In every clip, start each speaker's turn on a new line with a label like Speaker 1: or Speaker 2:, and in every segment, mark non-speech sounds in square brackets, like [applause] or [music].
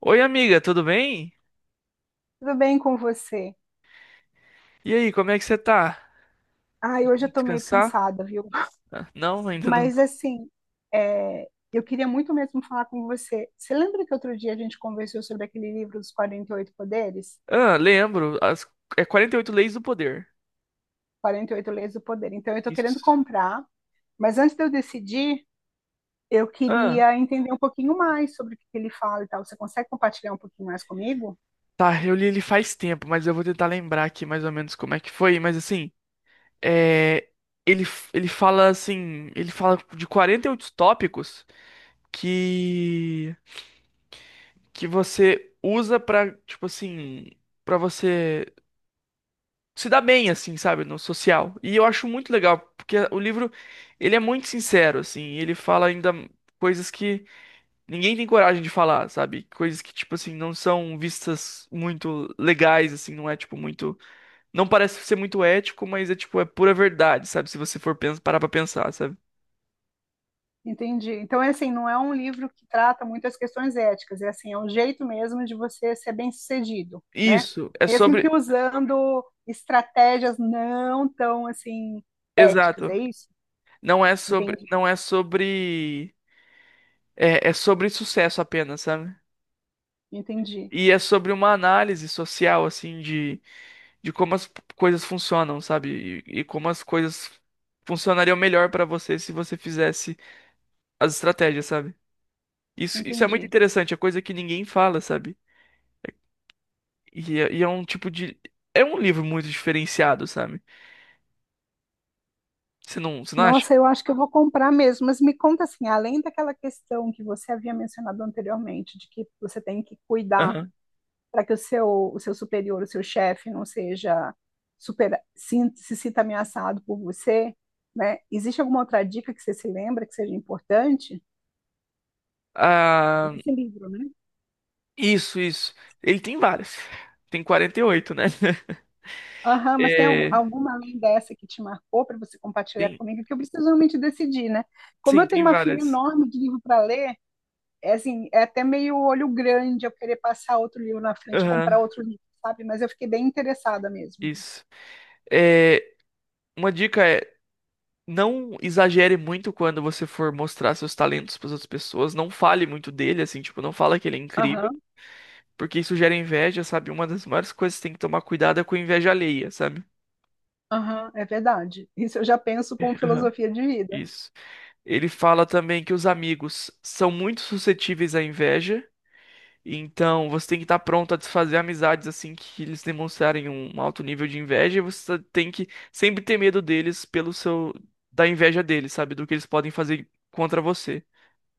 Speaker 1: Oi, amiga, tudo bem?
Speaker 2: Tudo bem com você?
Speaker 1: E aí, como é que você tá?
Speaker 2: Ai, hoje eu tô meio
Speaker 1: Descansar?
Speaker 2: cansada, viu?
Speaker 1: Não, ainda não.
Speaker 2: Mas assim, eu queria muito mesmo falar com você. Você lembra que outro dia a gente conversou sobre aquele livro dos 48 Poderes?
Speaker 1: Ah, lembro. As... É 48 Leis do Poder.
Speaker 2: Quarenta e oito Leis do Poder. Então, eu tô querendo
Speaker 1: Isso.
Speaker 2: comprar, mas antes de eu decidir, eu
Speaker 1: Ah,
Speaker 2: queria entender um pouquinho mais sobre o que que ele fala e tal. Você consegue compartilhar um pouquinho mais comigo?
Speaker 1: tá, eu li ele faz tempo, mas eu vou tentar lembrar aqui mais ou menos como é que foi. Mas assim, é... ele, ele fala assim: ele fala de 48 tópicos que, que você usa pra, tipo assim, pra você se dá bem, assim, sabe, no social. E eu acho muito legal, porque o livro, ele é muito sincero, assim, e ele fala ainda coisas que ninguém tem coragem de falar, sabe? Coisas que, tipo assim, não são vistas muito legais, assim, não é, tipo, muito... Não parece ser muito ético, mas é, tipo, é pura verdade, sabe? Se você for parar pra pensar, sabe?
Speaker 2: Entendi. Então, é assim, não é um livro que trata muitas questões éticas, é assim, é um jeito mesmo de você ser bem-sucedido, né?
Speaker 1: Isso, é
Speaker 2: Mesmo que
Speaker 1: sobre...
Speaker 2: usando estratégias não tão assim éticas,
Speaker 1: Exato.
Speaker 2: é isso?
Speaker 1: Não é sobre...
Speaker 2: Entendi,
Speaker 1: Não é sobre... É, é sobre sucesso apenas, sabe?
Speaker 2: entendi,
Speaker 1: E é sobre uma análise social, assim, de como as coisas funcionam, sabe? E como as coisas funcionariam melhor pra você se você fizesse as estratégias, sabe? Isso é muito
Speaker 2: entendi.
Speaker 1: interessante, é coisa que ninguém fala, sabe? E é um tipo de. É um livro muito diferenciado, sabe? Você não acha?
Speaker 2: Nossa, eu acho que eu vou comprar mesmo, mas me conta assim, além daquela questão que você havia mencionado anteriormente, de que você tem que cuidar
Speaker 1: Aham.
Speaker 2: para que o seu superior, o seu chefe não seja super, sin- se, sinta ameaçado por você, né? Existe alguma outra dica que você se lembra que seja importante?
Speaker 1: Ah,
Speaker 2: Nesse livro, né?
Speaker 1: isso. Ele tem várias. Tem 48, né? [laughs]
Speaker 2: Aham, mas tem
Speaker 1: É,
Speaker 2: alguma além dessa que te marcou para você compartilhar
Speaker 1: tem,
Speaker 2: comigo, que eu preciso realmente decidir, né? Como
Speaker 1: sim,
Speaker 2: eu tenho
Speaker 1: tem
Speaker 2: uma fila
Speaker 1: várias.
Speaker 2: enorme de livro para ler, é assim, é até meio olho grande eu querer passar outro livro na frente,
Speaker 1: Aham,
Speaker 2: comprar outro livro, sabe? Mas eu fiquei bem interessada mesmo.
Speaker 1: isso. É, uma dica é. Não exagere muito quando você for mostrar seus talentos para outras pessoas, não fale muito dele, assim, tipo, não fala que ele é incrível,
Speaker 2: Aham,
Speaker 1: porque isso gera inveja, sabe? Uma das maiores coisas que tem que tomar cuidado é com a inveja alheia, sabe?
Speaker 2: aham, é verdade. Isso eu já penso como
Speaker 1: Aham.
Speaker 2: filosofia de vida.
Speaker 1: Isso. Ele fala também que os amigos são muito suscetíveis à inveja, então você tem que estar pronto a desfazer amizades assim que eles demonstrarem um alto nível de inveja, e você tem que sempre ter medo deles pelo seu da inveja deles, sabe? Do que eles podem fazer contra você.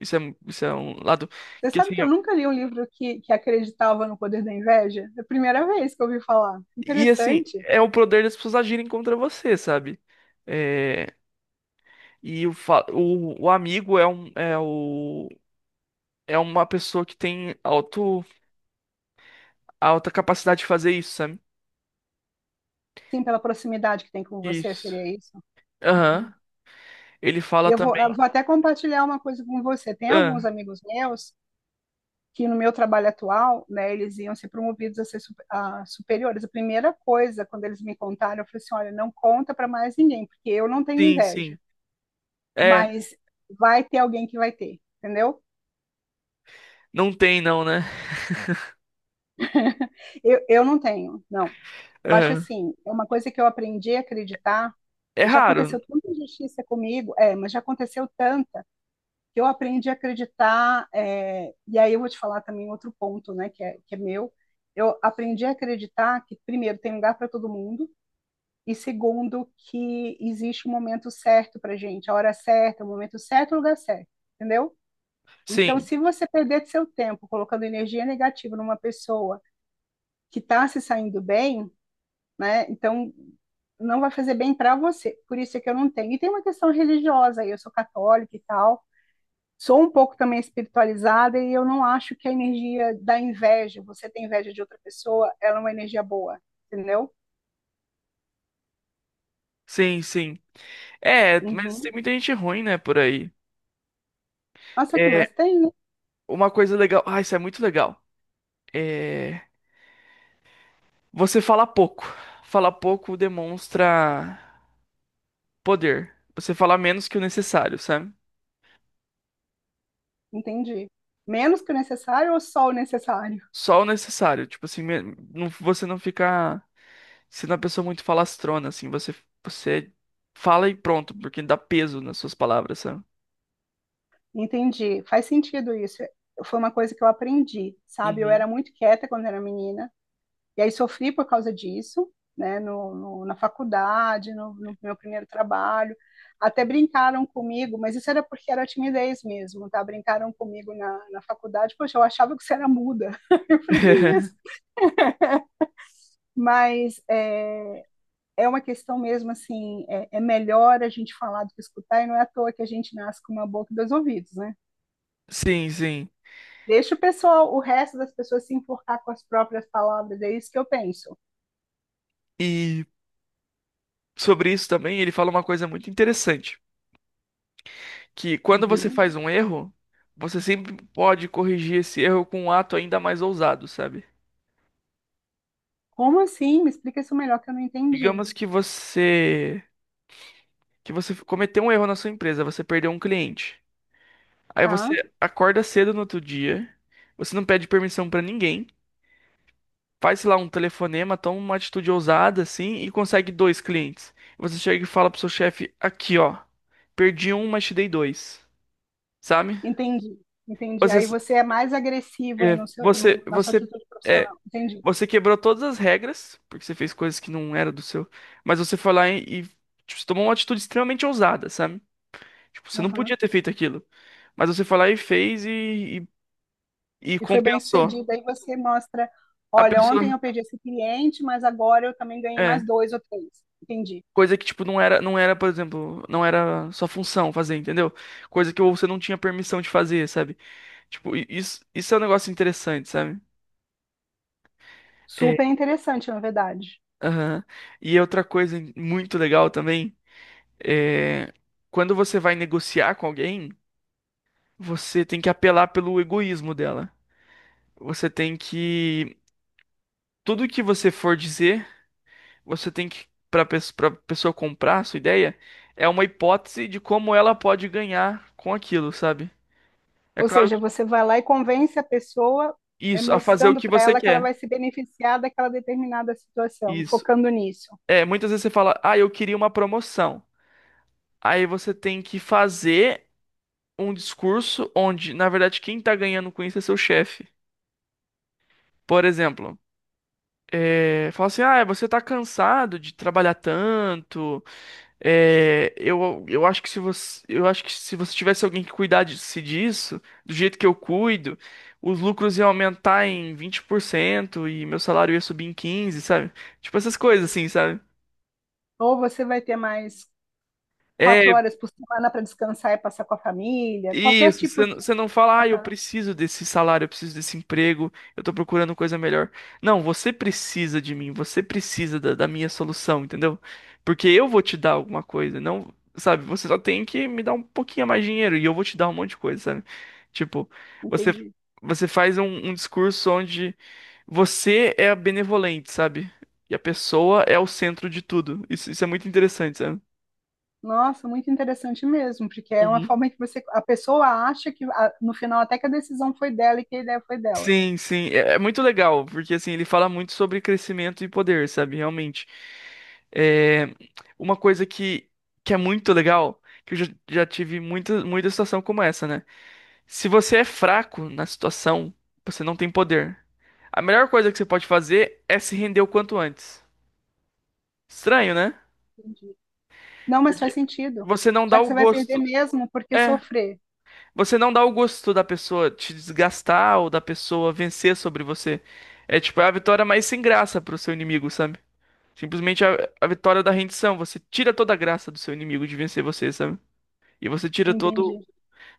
Speaker 1: Isso é, isso é um lado
Speaker 2: Você
Speaker 1: que
Speaker 2: sabe
Speaker 1: assim,
Speaker 2: que eu nunca li um livro que acreditava no poder da inveja? É a primeira vez que eu ouvi falar.
Speaker 1: e assim,
Speaker 2: Interessante.
Speaker 1: é o poder das pessoas agirem contra você, sabe? É, e o amigo é o é uma pessoa que tem alto alta capacidade de fazer isso, sabe?
Speaker 2: Sim, pela proximidade que tem com você,
Speaker 1: Isso.
Speaker 2: seria isso? Uhum.
Speaker 1: Aham. Ele
Speaker 2: E
Speaker 1: fala
Speaker 2: eu vou,
Speaker 1: também.
Speaker 2: até compartilhar uma coisa com você. Tem alguns
Speaker 1: Ah,
Speaker 2: amigos meus que no meu trabalho atual, né, eles iam ser promovidos a ser su- a superiores. A primeira coisa, quando eles me contaram, eu falei assim, olha, não conta para mais ninguém, porque eu não tenho
Speaker 1: sim, sim.
Speaker 2: inveja,
Speaker 1: É,
Speaker 2: mas vai ter alguém que vai ter, entendeu?
Speaker 1: não tem não, né? [laughs]
Speaker 2: [laughs] Eu não tenho, não. Eu acho
Speaker 1: Aham.
Speaker 2: assim, é uma coisa que eu aprendi a acreditar.
Speaker 1: É
Speaker 2: Já
Speaker 1: raro.
Speaker 2: aconteceu tanta injustiça comigo, mas já aconteceu tanta que eu aprendi a acreditar. E aí eu vou te falar também outro ponto, né, que é meu. Eu aprendi a acreditar que, primeiro, tem lugar para todo mundo, e segundo, que existe um momento certo para gente, a hora certa, o momento certo, o lugar certo, entendeu? Então,
Speaker 1: Sim.
Speaker 2: se você perder seu tempo colocando energia negativa numa pessoa, que está se saindo bem, né? Então não vai fazer bem para você. Por isso é que eu não tenho. E tem uma questão religiosa, eu sou católica e tal. Sou um pouco também espiritualizada e eu não acho que a energia da inveja, você tem inveja de outra pessoa, ela é uma energia boa, entendeu?
Speaker 1: Sim, sim. É, mas tem
Speaker 2: Uhum.
Speaker 1: muita gente ruim, né, por aí.
Speaker 2: Nossa, o que
Speaker 1: É,
Speaker 2: mais tem, né?
Speaker 1: uma coisa legal. Ah, isso é muito legal. É, você fala pouco. Falar pouco demonstra poder. Você fala menos que o necessário, sabe?
Speaker 2: Entendi. Menos que o necessário ou só o necessário?
Speaker 1: Só o necessário. Tipo assim, você não fica sendo uma pessoa muito falastrona, assim. Você fala e pronto, porque dá peso nas suas palavras, sabe?
Speaker 2: Entendi. Faz sentido isso. Foi uma coisa que eu aprendi, sabe? Eu
Speaker 1: Uhum.
Speaker 2: era muito quieta quando era menina. E aí sofri por causa disso, né, na faculdade, no, no, meu primeiro trabalho. Até brincaram comigo, mas isso era porque era timidez mesmo, tá? Brincaram comigo na faculdade, poxa, eu achava que você era muda. [laughs] Eu falei, que isso?
Speaker 1: [laughs]
Speaker 2: Mas é, é uma questão mesmo assim, melhor a gente falar do que escutar, e não é à toa que a gente nasce com uma boca e dois ouvidos, né?
Speaker 1: Sim, sim.
Speaker 2: Deixa o pessoal, o resto das pessoas se enforcar com as próprias palavras, é isso que eu penso.
Speaker 1: E sobre isso também, ele fala uma coisa muito interessante, que quando você
Speaker 2: Uhum.
Speaker 1: faz um erro, você sempre pode corrigir esse erro com um ato ainda mais ousado, sabe?
Speaker 2: Como assim? Me explica isso melhor que eu não entendi.
Speaker 1: Digamos que você cometeu um erro na sua empresa, você perdeu um cliente. Aí
Speaker 2: Tá,
Speaker 1: você acorda cedo no outro dia, você não pede permissão pra ninguém, faz sei lá um telefonema, toma uma atitude ousada assim e consegue dois clientes. Você chega e fala pro seu chefe: aqui ó, perdi um, mas te dei dois, sabe?
Speaker 2: entendi, entendi. Aí
Speaker 1: Você,
Speaker 2: você é mais agressivo aí no na sua
Speaker 1: você,
Speaker 2: atitude
Speaker 1: é,
Speaker 2: profissional, entendi.
Speaker 1: você quebrou todas as regras porque você fez coisas que não era do seu, mas você foi lá e tipo, você tomou uma atitude extremamente ousada, sabe? Tipo, você não
Speaker 2: Aham.
Speaker 1: podia ter feito aquilo. Mas você foi lá e fez e
Speaker 2: E foi bem
Speaker 1: compensou.
Speaker 2: sucedido. Aí você mostra,
Speaker 1: A
Speaker 2: olha,
Speaker 1: pessoa.
Speaker 2: ontem eu perdi esse cliente, mas agora eu também ganhei
Speaker 1: É.
Speaker 2: mais dois ou três. Entendi.
Speaker 1: Coisa que, tipo, não era, por exemplo, não era sua função fazer, entendeu? Coisa que você não tinha permissão de fazer, sabe? Tipo, isso, isso é um negócio interessante, sabe?
Speaker 2: Super
Speaker 1: É.
Speaker 2: interessante, na verdade.
Speaker 1: Aham. E outra coisa muito legal também é. Quando você vai negociar com alguém, você tem que apelar pelo egoísmo dela. Você tem que. Tudo que você for dizer. Você tem que para pessoa comprar a sua ideia é uma hipótese de como ela pode ganhar com aquilo, sabe? É
Speaker 2: Ou
Speaker 1: claro
Speaker 2: seja,
Speaker 1: que
Speaker 2: você vai lá e convence a pessoa, é,
Speaker 1: isso, a fazer o
Speaker 2: mostrando
Speaker 1: que
Speaker 2: para
Speaker 1: você
Speaker 2: ela que ela
Speaker 1: quer.
Speaker 2: vai se beneficiar daquela determinada situação,
Speaker 1: Isso.
Speaker 2: focando nisso.
Speaker 1: É, muitas vezes você fala: "Ah, eu queria uma promoção". Aí você tem que fazer um discurso onde, na verdade, quem tá ganhando com isso é seu chefe. Por exemplo, é, fala assim: "Ah, você tá cansado de trabalhar tanto, é, eu acho que se eu acho que se você tivesse alguém que cuidasse disso, do jeito que eu cuido, os lucros iam aumentar em 20% e meu salário ia subir em 15, sabe? Tipo essas coisas assim, sabe?
Speaker 2: Ou você vai ter mais quatro
Speaker 1: É,
Speaker 2: horas por semana para descansar e passar com a família, qualquer
Speaker 1: isso,
Speaker 2: tipo de.
Speaker 1: você não fala, ah, eu preciso desse salário, eu preciso desse emprego, eu tô procurando coisa melhor. Não, você precisa de mim, você precisa da minha solução, entendeu? Porque eu vou te dar alguma coisa, não, sabe? Você só tem que me dar um pouquinho a mais de dinheiro e eu vou te dar um monte de coisa, sabe? Tipo, você,
Speaker 2: Entendi.
Speaker 1: você faz um discurso onde você é a benevolente, sabe? E a pessoa é o centro de tudo. Isso é muito interessante, sabe?
Speaker 2: Nossa, muito interessante mesmo, porque é uma forma que você, a pessoa acha que no final até que a decisão foi dela e que a ideia foi dela.
Speaker 1: Sim, sim, é, é muito legal, porque assim, ele fala muito sobre crescimento e poder, sabe? Realmente. É, uma coisa que é muito legal, que eu já, já tive muita situação como essa, né? Se você é fraco na situação, você não tem poder. A melhor coisa que você pode fazer é se render o quanto antes. Estranho, né?
Speaker 2: Entendi. Não, mas faz
Speaker 1: Porque
Speaker 2: sentido.
Speaker 1: você não
Speaker 2: Já
Speaker 1: dá
Speaker 2: que
Speaker 1: o
Speaker 2: você vai perder
Speaker 1: gosto.
Speaker 2: mesmo, por que
Speaker 1: É,
Speaker 2: sofrer?
Speaker 1: você não dá o gosto da pessoa te desgastar ou da pessoa vencer sobre você. É tipo, é a vitória mais sem graça pro seu inimigo, sabe? Simplesmente a vitória da rendição. Você tira toda a graça do seu inimigo de vencer você, sabe? E você tira todo,
Speaker 2: Entendi.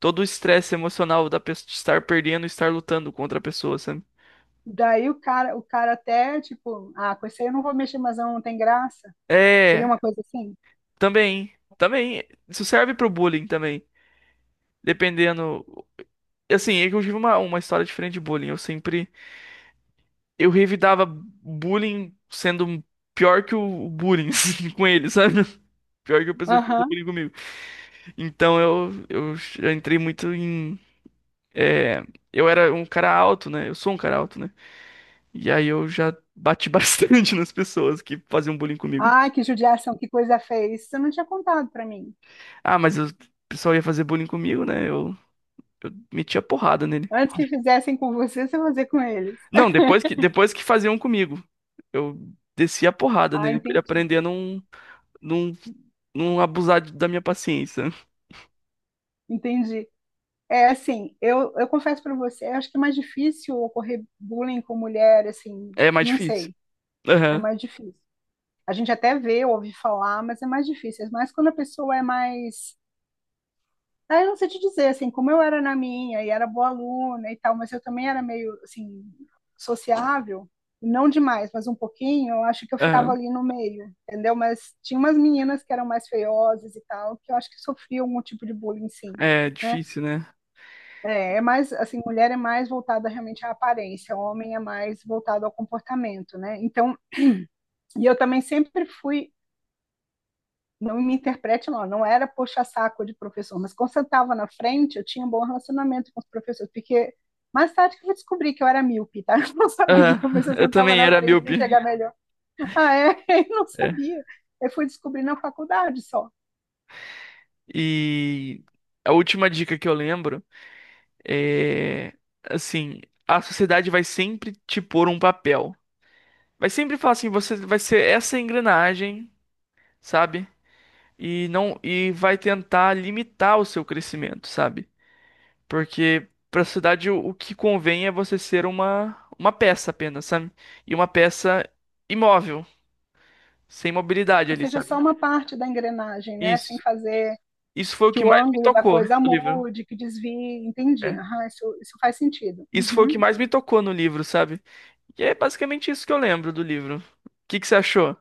Speaker 1: todo o estresse emocional da pessoa de estar perdendo, e estar lutando contra a pessoa, sabe?
Speaker 2: Daí o cara até tipo, ah, com isso aí eu não vou mexer, mas não tem graça. Seria
Speaker 1: É,
Speaker 2: uma coisa assim?
Speaker 1: também, também. Isso serve pro bullying também. Dependendo. Assim, é que eu tive uma história diferente de bullying. Eu sempre. Eu revidava bullying sendo pior que o bullying [laughs] assim, com ele, sabe? Pior que a pessoa que fez
Speaker 2: Aham.
Speaker 1: bullying comigo. Então eu já entrei muito em. É, eu era um cara alto, né? Eu sou um cara alto, né? E aí eu já bati [laughs] bastante nas pessoas que faziam bullying comigo.
Speaker 2: Ai, que judiação, que coisa feia. Isso você não tinha contado pra mim.
Speaker 1: Ah, mas o pessoal ia fazer bullying comigo, né? Eu metia porrada nele.
Speaker 2: Antes que fizessem com você, você fazia com eles.
Speaker 1: Não, depois que faziam comigo, eu descia a porrada
Speaker 2: Ah,
Speaker 1: nele pra ele
Speaker 2: entendi.
Speaker 1: aprender a não, não, não abusar da minha paciência.
Speaker 2: Entendi. É assim, eu confesso para você, eu acho que é mais difícil ocorrer bullying com mulher, assim,
Speaker 1: É mais
Speaker 2: não
Speaker 1: difícil.
Speaker 2: sei, é
Speaker 1: Aham,
Speaker 2: mais difícil. A gente até vê, ouve falar, mas é mais difícil. Mas quando a pessoa é mais. Ah, eu não sei te dizer, assim, como eu era na minha, e era boa aluna e tal, mas eu também era meio, assim, sociável, não demais, mas um pouquinho, eu acho que eu ficava
Speaker 1: aham.
Speaker 2: ali no meio, entendeu? Mas tinha umas meninas que eram mais feiosas e tal, que eu acho que sofriam algum tipo de bullying, sim.
Speaker 1: É
Speaker 2: Né?
Speaker 1: difícil, né?
Speaker 2: É, é mais assim, mulher é mais voltada realmente à aparência, homem é mais voltado ao comportamento, né? Então, e eu também sempre fui, não me interprete mal, não era puxa-saco de professor, mas quando eu estava na frente, eu tinha um bom relacionamento com os professores, porque mais tarde que eu descobri que eu era míope, tá? [laughs] Eu não sabia,
Speaker 1: Aham,
Speaker 2: mas eu
Speaker 1: [laughs] eu
Speaker 2: sentava
Speaker 1: também
Speaker 2: na
Speaker 1: era
Speaker 2: frente para
Speaker 1: míope.
Speaker 2: enxergar melhor. Ah, é? [laughs] Eu não
Speaker 1: É.
Speaker 2: sabia. Eu fui descobrir na faculdade só.
Speaker 1: E a última dica que eu lembro é assim, a sociedade vai sempre te pôr um papel. Vai sempre falar assim, você vai ser essa engrenagem, sabe? E não e vai tentar limitar o seu crescimento, sabe? Porque pra sociedade o que convém é você ser uma peça apenas, sabe? E uma peça imóvel, sem mobilidade
Speaker 2: Ou
Speaker 1: ali,
Speaker 2: seja,
Speaker 1: sabe?
Speaker 2: só uma parte da engrenagem, né? Sem
Speaker 1: Isso.
Speaker 2: fazer
Speaker 1: Isso foi o
Speaker 2: que
Speaker 1: que
Speaker 2: o
Speaker 1: mais me
Speaker 2: ângulo da
Speaker 1: tocou no
Speaker 2: coisa
Speaker 1: livro.
Speaker 2: mude, que desvie, entendi.
Speaker 1: É.
Speaker 2: Aham, isso faz sentido.
Speaker 1: Isso foi o que
Speaker 2: Uhum.
Speaker 1: mais me tocou no livro, sabe? E é basicamente isso que eu lembro do livro. O que que você achou?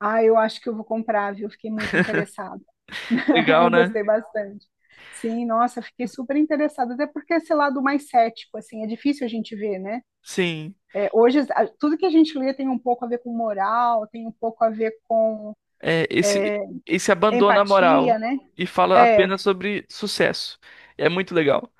Speaker 2: Ah, eu acho que eu vou comprar, viu? Fiquei muito interessada. [laughs]
Speaker 1: Legal,
Speaker 2: Eu
Speaker 1: né?
Speaker 2: gostei bastante. Sim, nossa, fiquei super interessada, até porque esse lado mais cético, assim, é difícil a gente ver, né?
Speaker 1: Sim.
Speaker 2: É, hoje, tudo que a gente lê tem um pouco a ver com moral, tem um pouco a ver com
Speaker 1: É, esse abandona a moral
Speaker 2: empatia, né?
Speaker 1: e fala
Speaker 2: É,
Speaker 1: apenas sobre sucesso. É muito legal.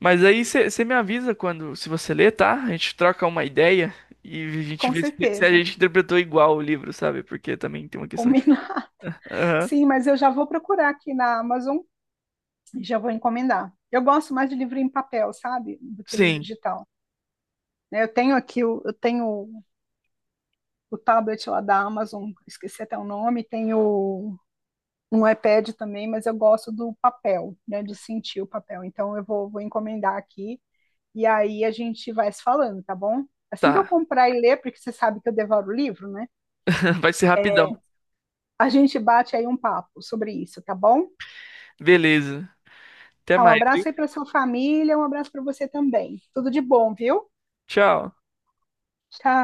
Speaker 1: Mas aí você me avisa quando, se você ler, tá? A gente troca uma ideia e a gente
Speaker 2: com
Speaker 1: vê se a
Speaker 2: certeza.
Speaker 1: gente interpretou igual o livro, sabe? Porque também tem uma questão de.
Speaker 2: Combinar. [laughs]
Speaker 1: Aham.
Speaker 2: Sim, mas eu já vou procurar aqui na Amazon já vou encomendar. Eu gosto mais de livro em papel, sabe? Do que livro
Speaker 1: Sim,
Speaker 2: digital. Né? Eu tenho aqui, eu tenho o tablet lá da Amazon, esqueci até o nome, tenho um iPad também, mas eu gosto do papel, né? De sentir o papel. Então eu vou, vou encomendar aqui e aí a gente vai se falando, tá bom? Assim que eu
Speaker 1: tá.
Speaker 2: comprar e ler, porque você sabe que eu devoro livro, né?
Speaker 1: [laughs] Vai ser rapidão.
Speaker 2: A gente bate aí um papo sobre isso, tá bom?
Speaker 1: Beleza. Até
Speaker 2: Tá, um
Speaker 1: mais, viu?
Speaker 2: abraço aí para sua família, um abraço para você também. Tudo de bom, viu?
Speaker 1: Tchau.
Speaker 2: Tchau.